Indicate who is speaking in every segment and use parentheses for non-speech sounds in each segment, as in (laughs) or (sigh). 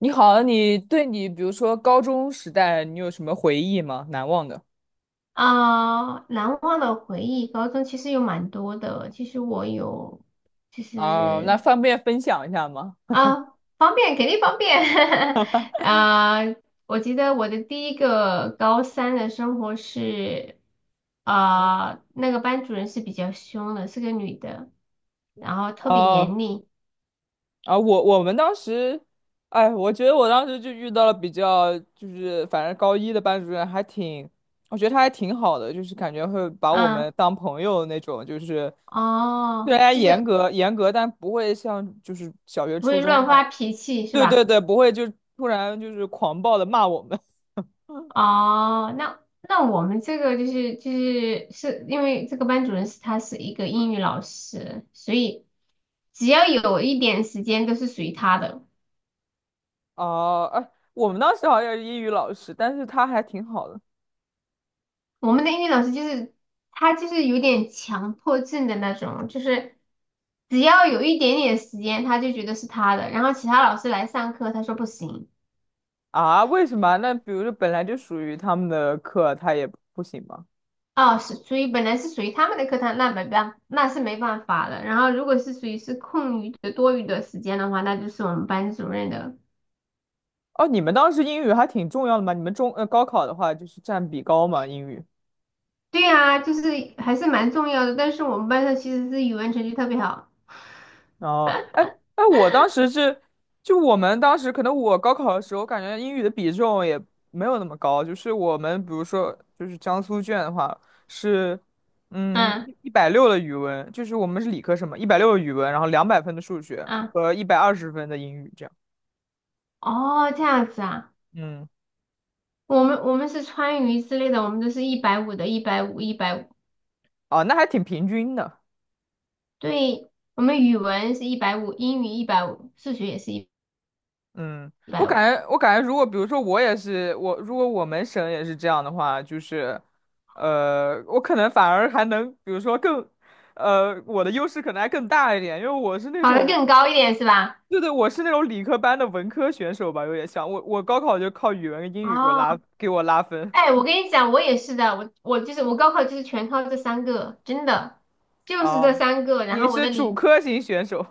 Speaker 1: 你好，你对你比如说高中时代，你有什么回忆吗？难忘的？
Speaker 2: 啊，难忘的回忆，高中其实有蛮多的。其实我有，就
Speaker 1: 那
Speaker 2: 是
Speaker 1: 方便分享一下吗？
Speaker 2: 啊，方便肯定方便。(laughs) 啊，我记得我的第一个高三的生活是，啊，那个班主任是比较凶的，是个女的，然后特别严
Speaker 1: 哦、
Speaker 2: 厉。
Speaker 1: 我们当时，哎，我觉得我当时就遇到了比较，就是反正高一的班主任还挺，我觉得他还挺好的，就是感觉会把我们
Speaker 2: 啊，
Speaker 1: 当朋友那种，就是虽
Speaker 2: 哦，
Speaker 1: 然
Speaker 2: 就
Speaker 1: 严
Speaker 2: 是
Speaker 1: 格严格，但不会像就是小学
Speaker 2: 不
Speaker 1: 初
Speaker 2: 会
Speaker 1: 中
Speaker 2: 乱
Speaker 1: 的，
Speaker 2: 发脾气是
Speaker 1: 对对
Speaker 2: 吧？
Speaker 1: 对，不会就突然就是狂暴的骂我们。
Speaker 2: 哦，那我们这个就是因为这个班主任是一个英语老师，所以只要有一点时间都是属于他的。
Speaker 1: 哦，哎，我们当时好像也是英语老师，但是他还挺好的。
Speaker 2: 我们的英语老师就是他就是有点强迫症的那种，就是只要有一点点时间他就觉得是他的，然后其他老师来上课他说不行。
Speaker 1: 啊？为什么啊那比如说本来就属于他们的课，他也不行吗？
Speaker 2: 哦，是属于本来是属于他们的课堂，那没办，那是没办法的。然后如果是属于是空余的、多余的时间的话，那就是我们班主任的。
Speaker 1: 哦，你们当时英语还挺重要的嘛？你们高考的话就是占比高嘛，英语。
Speaker 2: 对呀，就是还是蛮重要的。但是我们班上其实是语文成绩特别好。
Speaker 1: 哦，哎哎，我当时是，就我们当时可能我高考的时候，感觉英语的比重也没有那么高，就是我们比如说就是江苏卷的话是，嗯，
Speaker 2: 嗯
Speaker 1: 一百六的语文，就是我们是理科生嘛，一百六的语文，然后200分的数学
Speaker 2: 嗯，
Speaker 1: 和120分的英语这样，
Speaker 2: 哦，这样子啊，
Speaker 1: 嗯，
Speaker 2: 我们是川渝之类的，我们都是一百五的，一百五，一百五。
Speaker 1: 哦，那还挺平均的，
Speaker 2: 对，我们语文是一百五，英语一百五，数学也是一
Speaker 1: 嗯，我
Speaker 2: 百五，
Speaker 1: 感觉，如果比如说我也是我，如果我们省也是这样的话，就是，我可能反而还能，比如说更，我的优势可能还更大一点，因为我是那
Speaker 2: 考得
Speaker 1: 种，
Speaker 2: 更高一点是吧？
Speaker 1: 对对，我是那种理科班的文科选手吧，有点像我，我高考就靠语文跟英语给我
Speaker 2: 哦，
Speaker 1: 拉给我拉分
Speaker 2: 哎，我跟你讲，我也是的，我就是我高考就是全靠这三个，真的就是这
Speaker 1: 啊。
Speaker 2: 三个。然
Speaker 1: 你
Speaker 2: 后我
Speaker 1: 是
Speaker 2: 的
Speaker 1: 主
Speaker 2: 理
Speaker 1: 科型选手，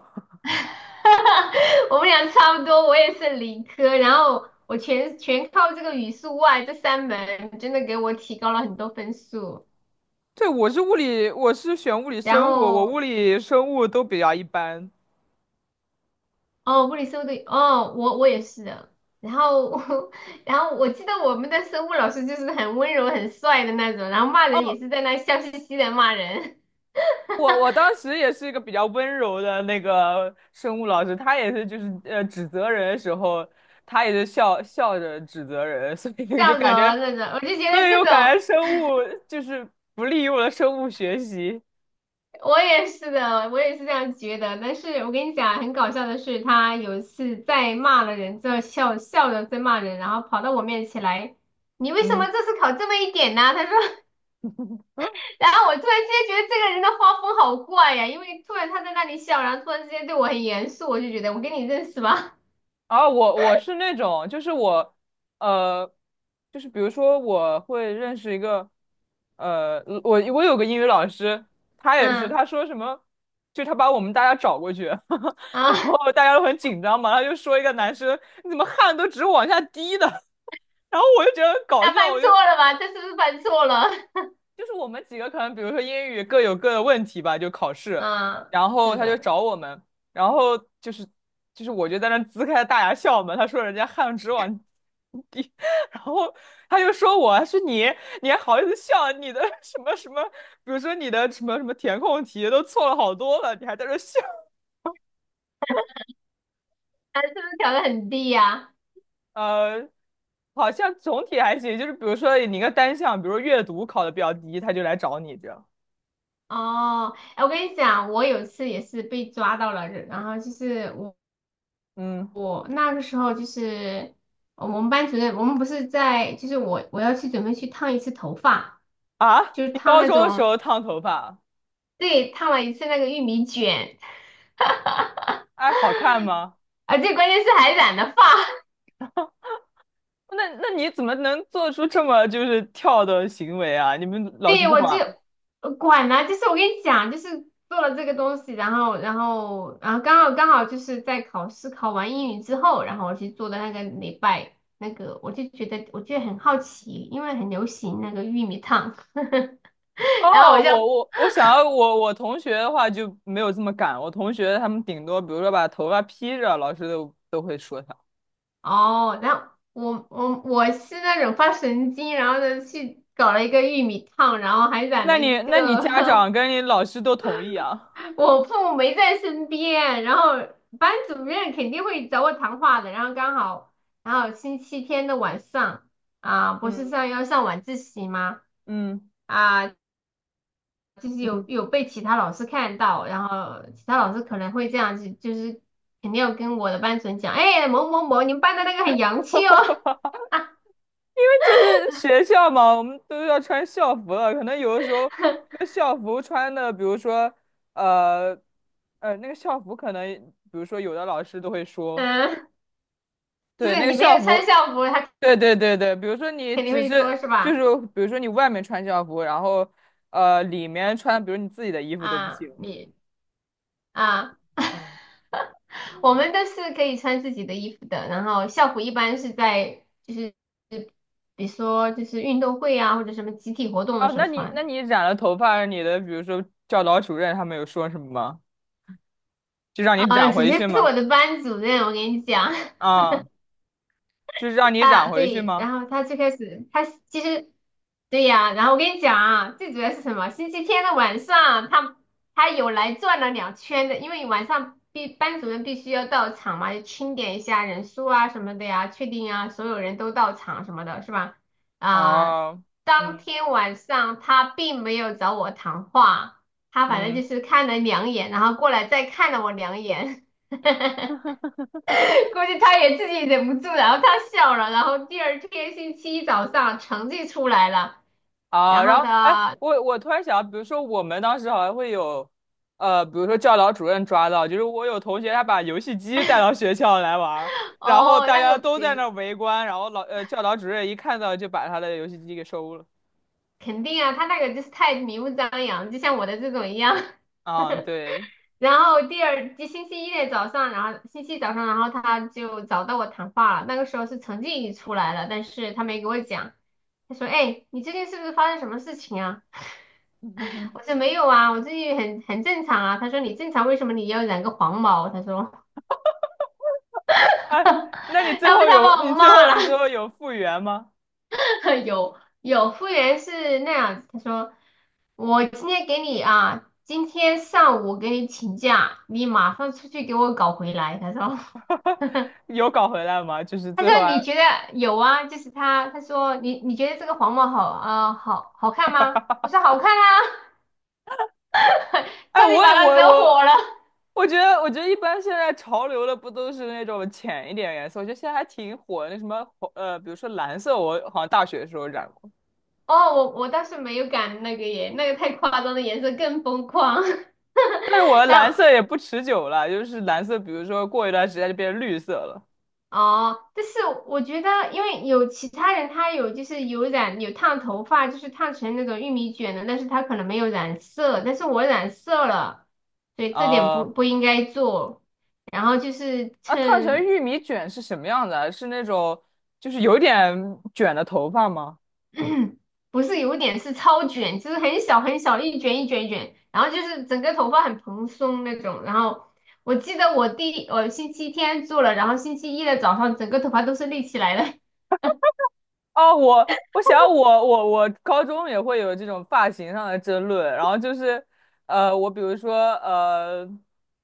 Speaker 2: (laughs) 哈哈，我们俩差不多，我也是理科，然后我全靠这个语数外这三门，真的给我提高了很多分数。
Speaker 1: 对，我是物理，我是选物理
Speaker 2: 然
Speaker 1: 生物，我
Speaker 2: 后
Speaker 1: 物理生物都比较一般。
Speaker 2: 哦，物理生物对，哦，我也是的。然后 (laughs) 然后我记得我们的生物老师就是很温柔、很帅的那种，然后骂人
Speaker 1: 哦。
Speaker 2: 也是在那笑嘻嘻的骂人，
Speaker 1: 我当时也是一个比较温柔的那个生物老师，他也是就是指责人的时候，他也是笑笑着指责人，(laughs) 所
Speaker 2: (laughs)
Speaker 1: 以就
Speaker 2: 笑着
Speaker 1: 感觉，
Speaker 2: 那种，我就觉
Speaker 1: 所
Speaker 2: 得
Speaker 1: 以
Speaker 2: 这
Speaker 1: 又
Speaker 2: 种。
Speaker 1: 感觉生物就是不利于我的生物学习。
Speaker 2: 我也是的，我也是这样觉得。但是我跟你讲，很搞笑的是，他有一次在骂了人之后，笑笑着在骂人，然后跑到我面前来，你为什
Speaker 1: 嗯，
Speaker 2: 么这次考这么一点呢？他说，(laughs) 然后我突然之间觉得这个人的画风好怪呀，因为突然他在那里笑，然后突然之间对我很严肃，我就觉得我跟你认识吧？
Speaker 1: 我是那种，就是我，呃，就是比如说我会认识一个，我有个英语老师，他
Speaker 2: (laughs)
Speaker 1: 也是，
Speaker 2: 嗯
Speaker 1: 他说什么，就他把我们大家找过去，(laughs)
Speaker 2: 啊，
Speaker 1: 然后大家都很紧张嘛，他就说一个男生，你怎么汗都直往下滴的，(laughs) 然后我就觉得很搞
Speaker 2: 他
Speaker 1: 笑，
Speaker 2: 犯
Speaker 1: 我就
Speaker 2: 错了吧？他是不是犯错了？
Speaker 1: 就是我们几个可能，比如说英语各有各的问题吧，就考
Speaker 2: (laughs)
Speaker 1: 试，
Speaker 2: 嗯，
Speaker 1: 然后
Speaker 2: 是
Speaker 1: 他就
Speaker 2: 的，
Speaker 1: 找我们，然后就是我就在那呲开大牙笑嘛，他说人家汗直往地，(laughs) 然后他就说我他说你还好意思笑，你的 (laughs) 什么什么，比如说你的什么什么填空题都错了好多了，你还在这笑，
Speaker 2: 他是不是调的很低呀？
Speaker 1: 呃，好像总体还行，就是比如说你一个单项，比如说阅读考的比较低，他就来找你这样，
Speaker 2: 哦，哎，我跟你讲，我有一次也是被抓到了，然后就是我
Speaker 1: 嗯
Speaker 2: 我那个时候就是我们班主任，我们不是在，就是我要去准备去烫一次头发，就是
Speaker 1: 你
Speaker 2: 烫
Speaker 1: 高
Speaker 2: 那
Speaker 1: 中的时
Speaker 2: 种，
Speaker 1: 候烫头发。
Speaker 2: 对，烫了一次那个玉米卷，
Speaker 1: 哎，好看吗？
Speaker 2: 而且关键是还染了发，(laughs)
Speaker 1: 那你怎么能做出这么就是跳的行为啊？你们老师
Speaker 2: 对，
Speaker 1: 不
Speaker 2: 我
Speaker 1: 管
Speaker 2: 就
Speaker 1: 吗？
Speaker 2: 管、就是我跟你讲，就是做了这个东西，然后，然后，然后刚好就是在考试考完英语之后，然后我去做的那个礼拜，那个我就觉得我觉得很好奇，因为很流行那个玉米烫，
Speaker 1: 哦，
Speaker 2: (laughs) 然后我就
Speaker 1: 我想要我同学的话就没有这么敢，我同学他们顶多比如说把头发披着，老师都会说他。
Speaker 2: 哦，然后我是那种发神经，然后呢去搞了一个玉米烫，然后还染
Speaker 1: 那
Speaker 2: 了
Speaker 1: 你
Speaker 2: 一
Speaker 1: 那你
Speaker 2: 个
Speaker 1: 家长
Speaker 2: (laughs)
Speaker 1: 跟你老师都同意啊？
Speaker 2: 我父母没在身边，然后班主任肯定会找我谈话的。然后刚好，然后星期天的晚上啊，不是
Speaker 1: 嗯
Speaker 2: 上要上晚自习吗？
Speaker 1: 嗯
Speaker 2: 啊，就是
Speaker 1: 嗯。
Speaker 2: 有被其他老师看到，然后其他老师可能会这样子，就是肯定要跟我的班主任讲，哎，某某某，你们班的那个很洋气哦，(laughs)
Speaker 1: 因为这是学校嘛，我们都要穿校服了。可能有的时候，这个校服穿的，比如说，呃，那个校服可能，比如说有的老师都会说，
Speaker 2: 嗯，就
Speaker 1: 对，
Speaker 2: 是
Speaker 1: 那个
Speaker 2: 你没
Speaker 1: 校
Speaker 2: 有穿
Speaker 1: 服，
Speaker 2: 校服，他
Speaker 1: 对对对对，比如说你
Speaker 2: 肯定
Speaker 1: 只
Speaker 2: 会说
Speaker 1: 是
Speaker 2: 是
Speaker 1: 就是，
Speaker 2: 吧？
Speaker 1: 比如说你外面穿校服，然后里面穿，比如你自己的衣服都不
Speaker 2: 啊，
Speaker 1: 行。
Speaker 2: 你。啊。
Speaker 1: 嗯，
Speaker 2: 我们都是可以穿自己的衣服的，然后校服一般是在就是比如说就是运动会啊或者什么集体活动的
Speaker 1: 哦，
Speaker 2: 时候
Speaker 1: 那你那
Speaker 2: 穿。
Speaker 1: 你染了头发，你的比如说教导主任他们有说什么吗？就让你
Speaker 2: 啊，
Speaker 1: 染
Speaker 2: 首
Speaker 1: 回
Speaker 2: 先
Speaker 1: 去
Speaker 2: 是
Speaker 1: 吗？
Speaker 2: 我的班主任，我跟你讲，(laughs)
Speaker 1: 啊，就是让你染
Speaker 2: 啊，
Speaker 1: 回去
Speaker 2: 对，
Speaker 1: 吗？
Speaker 2: 然后他最开始，他其实，对呀，然后我跟你讲啊，最主要是什么？星期天的晚上，他有来转了两圈的，因为晚上班主任必须要到场嘛，要清点一下人数啊什么的呀，确定啊所有人都到场什么的，是吧？啊、
Speaker 1: 哦，
Speaker 2: 当
Speaker 1: 嗯
Speaker 2: 天晚上他并没有找我谈话，他反正
Speaker 1: 嗯
Speaker 2: 就是看了两眼，然后过来再看了我两眼。(laughs) (laughs) 估计他也自己忍不住，然后他笑了，然后第二天星期一早上成绩出来了，然
Speaker 1: 然
Speaker 2: 后
Speaker 1: 后哎，
Speaker 2: 他
Speaker 1: 我突然想到，比如说我们当时好像会有，比如说教导主任抓到，就是我有同学他把游戏机带到学校来玩儿，然后
Speaker 2: 哦
Speaker 1: 大
Speaker 2: 那
Speaker 1: 家
Speaker 2: 个不
Speaker 1: 都在那
Speaker 2: 行，
Speaker 1: 儿围观，然后教导主任一看到就把他的游戏机给收了。
Speaker 2: 肯定啊，他那个就是太明目张扬，就像我的这种一样。(laughs)
Speaker 1: 对，
Speaker 2: 然后第二星期一的早上，然后星期一早上，然后他就找到我谈话了。那个时候是成绩已经出来了，但是他没给我讲。他说："哎，你最近是不是发生什么事情啊？" (laughs) 我说：
Speaker 1: (laughs)
Speaker 2: “没有啊，我最近很正常啊。"他说："你正常，为什么你要染个黄毛？"他说：
Speaker 1: 哎，那你
Speaker 2: “(laughs)
Speaker 1: 最
Speaker 2: 要不
Speaker 1: 后
Speaker 2: 他
Speaker 1: 有
Speaker 2: 把
Speaker 1: 你
Speaker 2: 我
Speaker 1: 最
Speaker 2: 骂
Speaker 1: 后
Speaker 2: 了。
Speaker 1: 你最后有复原吗？
Speaker 2: (laughs) 有服务员是那样子，他说我今天给你啊，今天上午给你请假，你马上出去给我搞回来。他说，(laughs) 他
Speaker 1: 有搞回来吗？就是最后
Speaker 2: 说你
Speaker 1: 还。
Speaker 2: 觉得有啊？就是他，他说你你觉得这个黄帽好啊、好好看吗？我说好看啊，(laughs)
Speaker 1: 哎，
Speaker 2: 差点把他惹火了。
Speaker 1: 我觉得一般现在潮流的不都是那种浅一点颜色？我觉得现在还挺火的，那什么红比如说蓝色，我好像大学的时候染过，
Speaker 2: 哦，我倒是没有敢那个耶，那个太夸张的颜色更疯狂。
Speaker 1: 但是我的
Speaker 2: (laughs) 然
Speaker 1: 蓝
Speaker 2: 后
Speaker 1: 色也不持久了，就是蓝色，比如说过一段时间就变成绿色了。
Speaker 2: 哦，但是我觉得，因为有其他人他有就是有染有烫头发，就是烫成那种玉米卷的，但是他可能没有染色，但是我染色了，所以这点不
Speaker 1: 啊、
Speaker 2: 不应该做。然后就是
Speaker 1: 烫成
Speaker 2: 趁
Speaker 1: 玉米卷是什么样的？是那种就是有点卷的头发吗？
Speaker 2: (coughs) (clears throat) 不是有点是超卷，就是很小很小一卷一卷一卷，然后就是整个头发很蓬松那种。然后我记得我星期天做了，然后星期一的早上整个头发都是立起来的。
Speaker 1: 哦，我想我高中也会有这种发型上的争论，然后就是，我比如说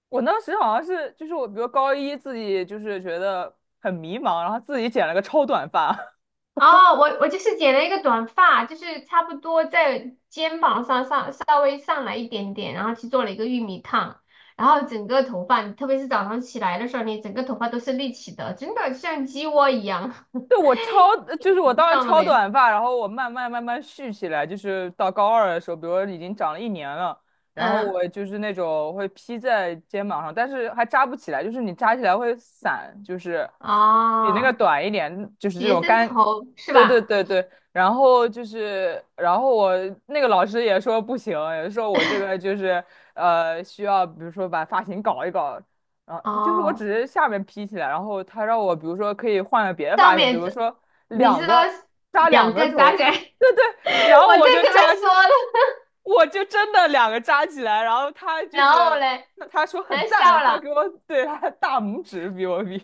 Speaker 1: 我当时好像是就是我比如高一自己就是觉得很迷茫，然后自己剪了个超短发，
Speaker 2: 哦，我就是剪了一个短发，就是差不多在肩膀上稍微上来一点点，然后去做了一个玉米烫，然后整个头发，特别是早上起来的时候，你整个头发都是立起的，真的像鸡窝一样，
Speaker 1: 对，我超，就是
Speaker 2: (laughs) 你
Speaker 1: 我
Speaker 2: 知
Speaker 1: 当时
Speaker 2: 道了
Speaker 1: 超
Speaker 2: 没有？
Speaker 1: 短发，然后我慢慢慢慢蓄起来，就是到高二的时候，比如说已经长了一年了，然后
Speaker 2: 嗯，
Speaker 1: 我就是那种会披在肩膀上，但是还扎不起来，就是你扎起来会散，就是比那个
Speaker 2: 哦，
Speaker 1: 短一点，就是这
Speaker 2: 学
Speaker 1: 种
Speaker 2: 生
Speaker 1: 干，
Speaker 2: 头是
Speaker 1: 对对
Speaker 2: 吧？
Speaker 1: 对对，然后就是，然后我那个老师也说不行，也说我这个就是需要，比如说把发型搞一搞，就是我
Speaker 2: 哦，
Speaker 1: 只是下面披起来，然后他让我比如说可以换个别的
Speaker 2: 上
Speaker 1: 发型，比
Speaker 2: 面
Speaker 1: 如
Speaker 2: 这
Speaker 1: 说
Speaker 2: 你是
Speaker 1: 两
Speaker 2: 说
Speaker 1: 个扎两
Speaker 2: 两
Speaker 1: 个
Speaker 2: 个扎
Speaker 1: 头，
Speaker 2: 起来？(laughs)
Speaker 1: 对对，然
Speaker 2: 我
Speaker 1: 后
Speaker 2: 正准备说呢，
Speaker 1: 我就真的两个扎起来，然后他就
Speaker 2: 然后
Speaker 1: 是
Speaker 2: 嘞，
Speaker 1: 他他说很
Speaker 2: 难笑
Speaker 1: 赞，他
Speaker 2: 了。
Speaker 1: 给我对他大拇指比我比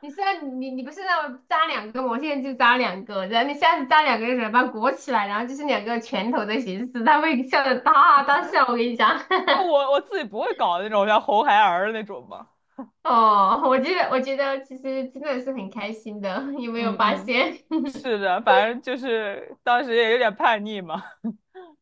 Speaker 2: 你现在你不是让我扎两个吗？我现在就扎两个，然后你下次扎两个的时候把它裹起来，然后就是两个拳头的形式，他会笑得大大笑。我跟你讲，
Speaker 1: (laughs) 我自己不会搞那种像红孩儿的那种嘛，
Speaker 2: (laughs) 哦，我觉得其实真的是很开心的，(laughs) 有没有
Speaker 1: 嗯
Speaker 2: 发
Speaker 1: 嗯，
Speaker 2: 现？
Speaker 1: 是
Speaker 2: (laughs)
Speaker 1: 的，反正就是当时也有点叛逆嘛，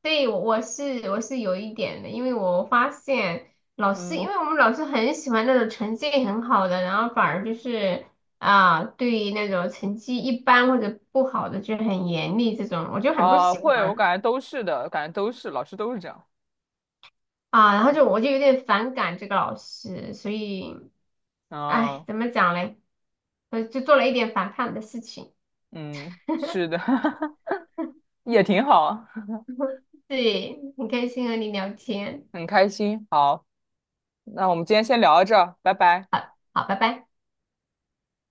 Speaker 2: 对，我是有一点的，因为我发现老师，
Speaker 1: 嗯
Speaker 2: 因为我们老师很喜欢那种成绩很好的，然后反而就是啊，对于那种成绩一般或者不好的就很严厉这种，我就很不喜
Speaker 1: 会，我
Speaker 2: 欢。
Speaker 1: 感觉都是的，感觉都是老师都是这样。
Speaker 2: 啊，然后就有点反感这个老师，所以，哎，
Speaker 1: 啊。
Speaker 2: 怎么讲嘞？就做了一点反叛的事情。
Speaker 1: 嗯，是的，(laughs) 也挺好，
Speaker 2: 对，很开心和你聊天，
Speaker 1: 很开心。好，那我们今天先聊到这儿，拜拜。
Speaker 2: 好，拜拜。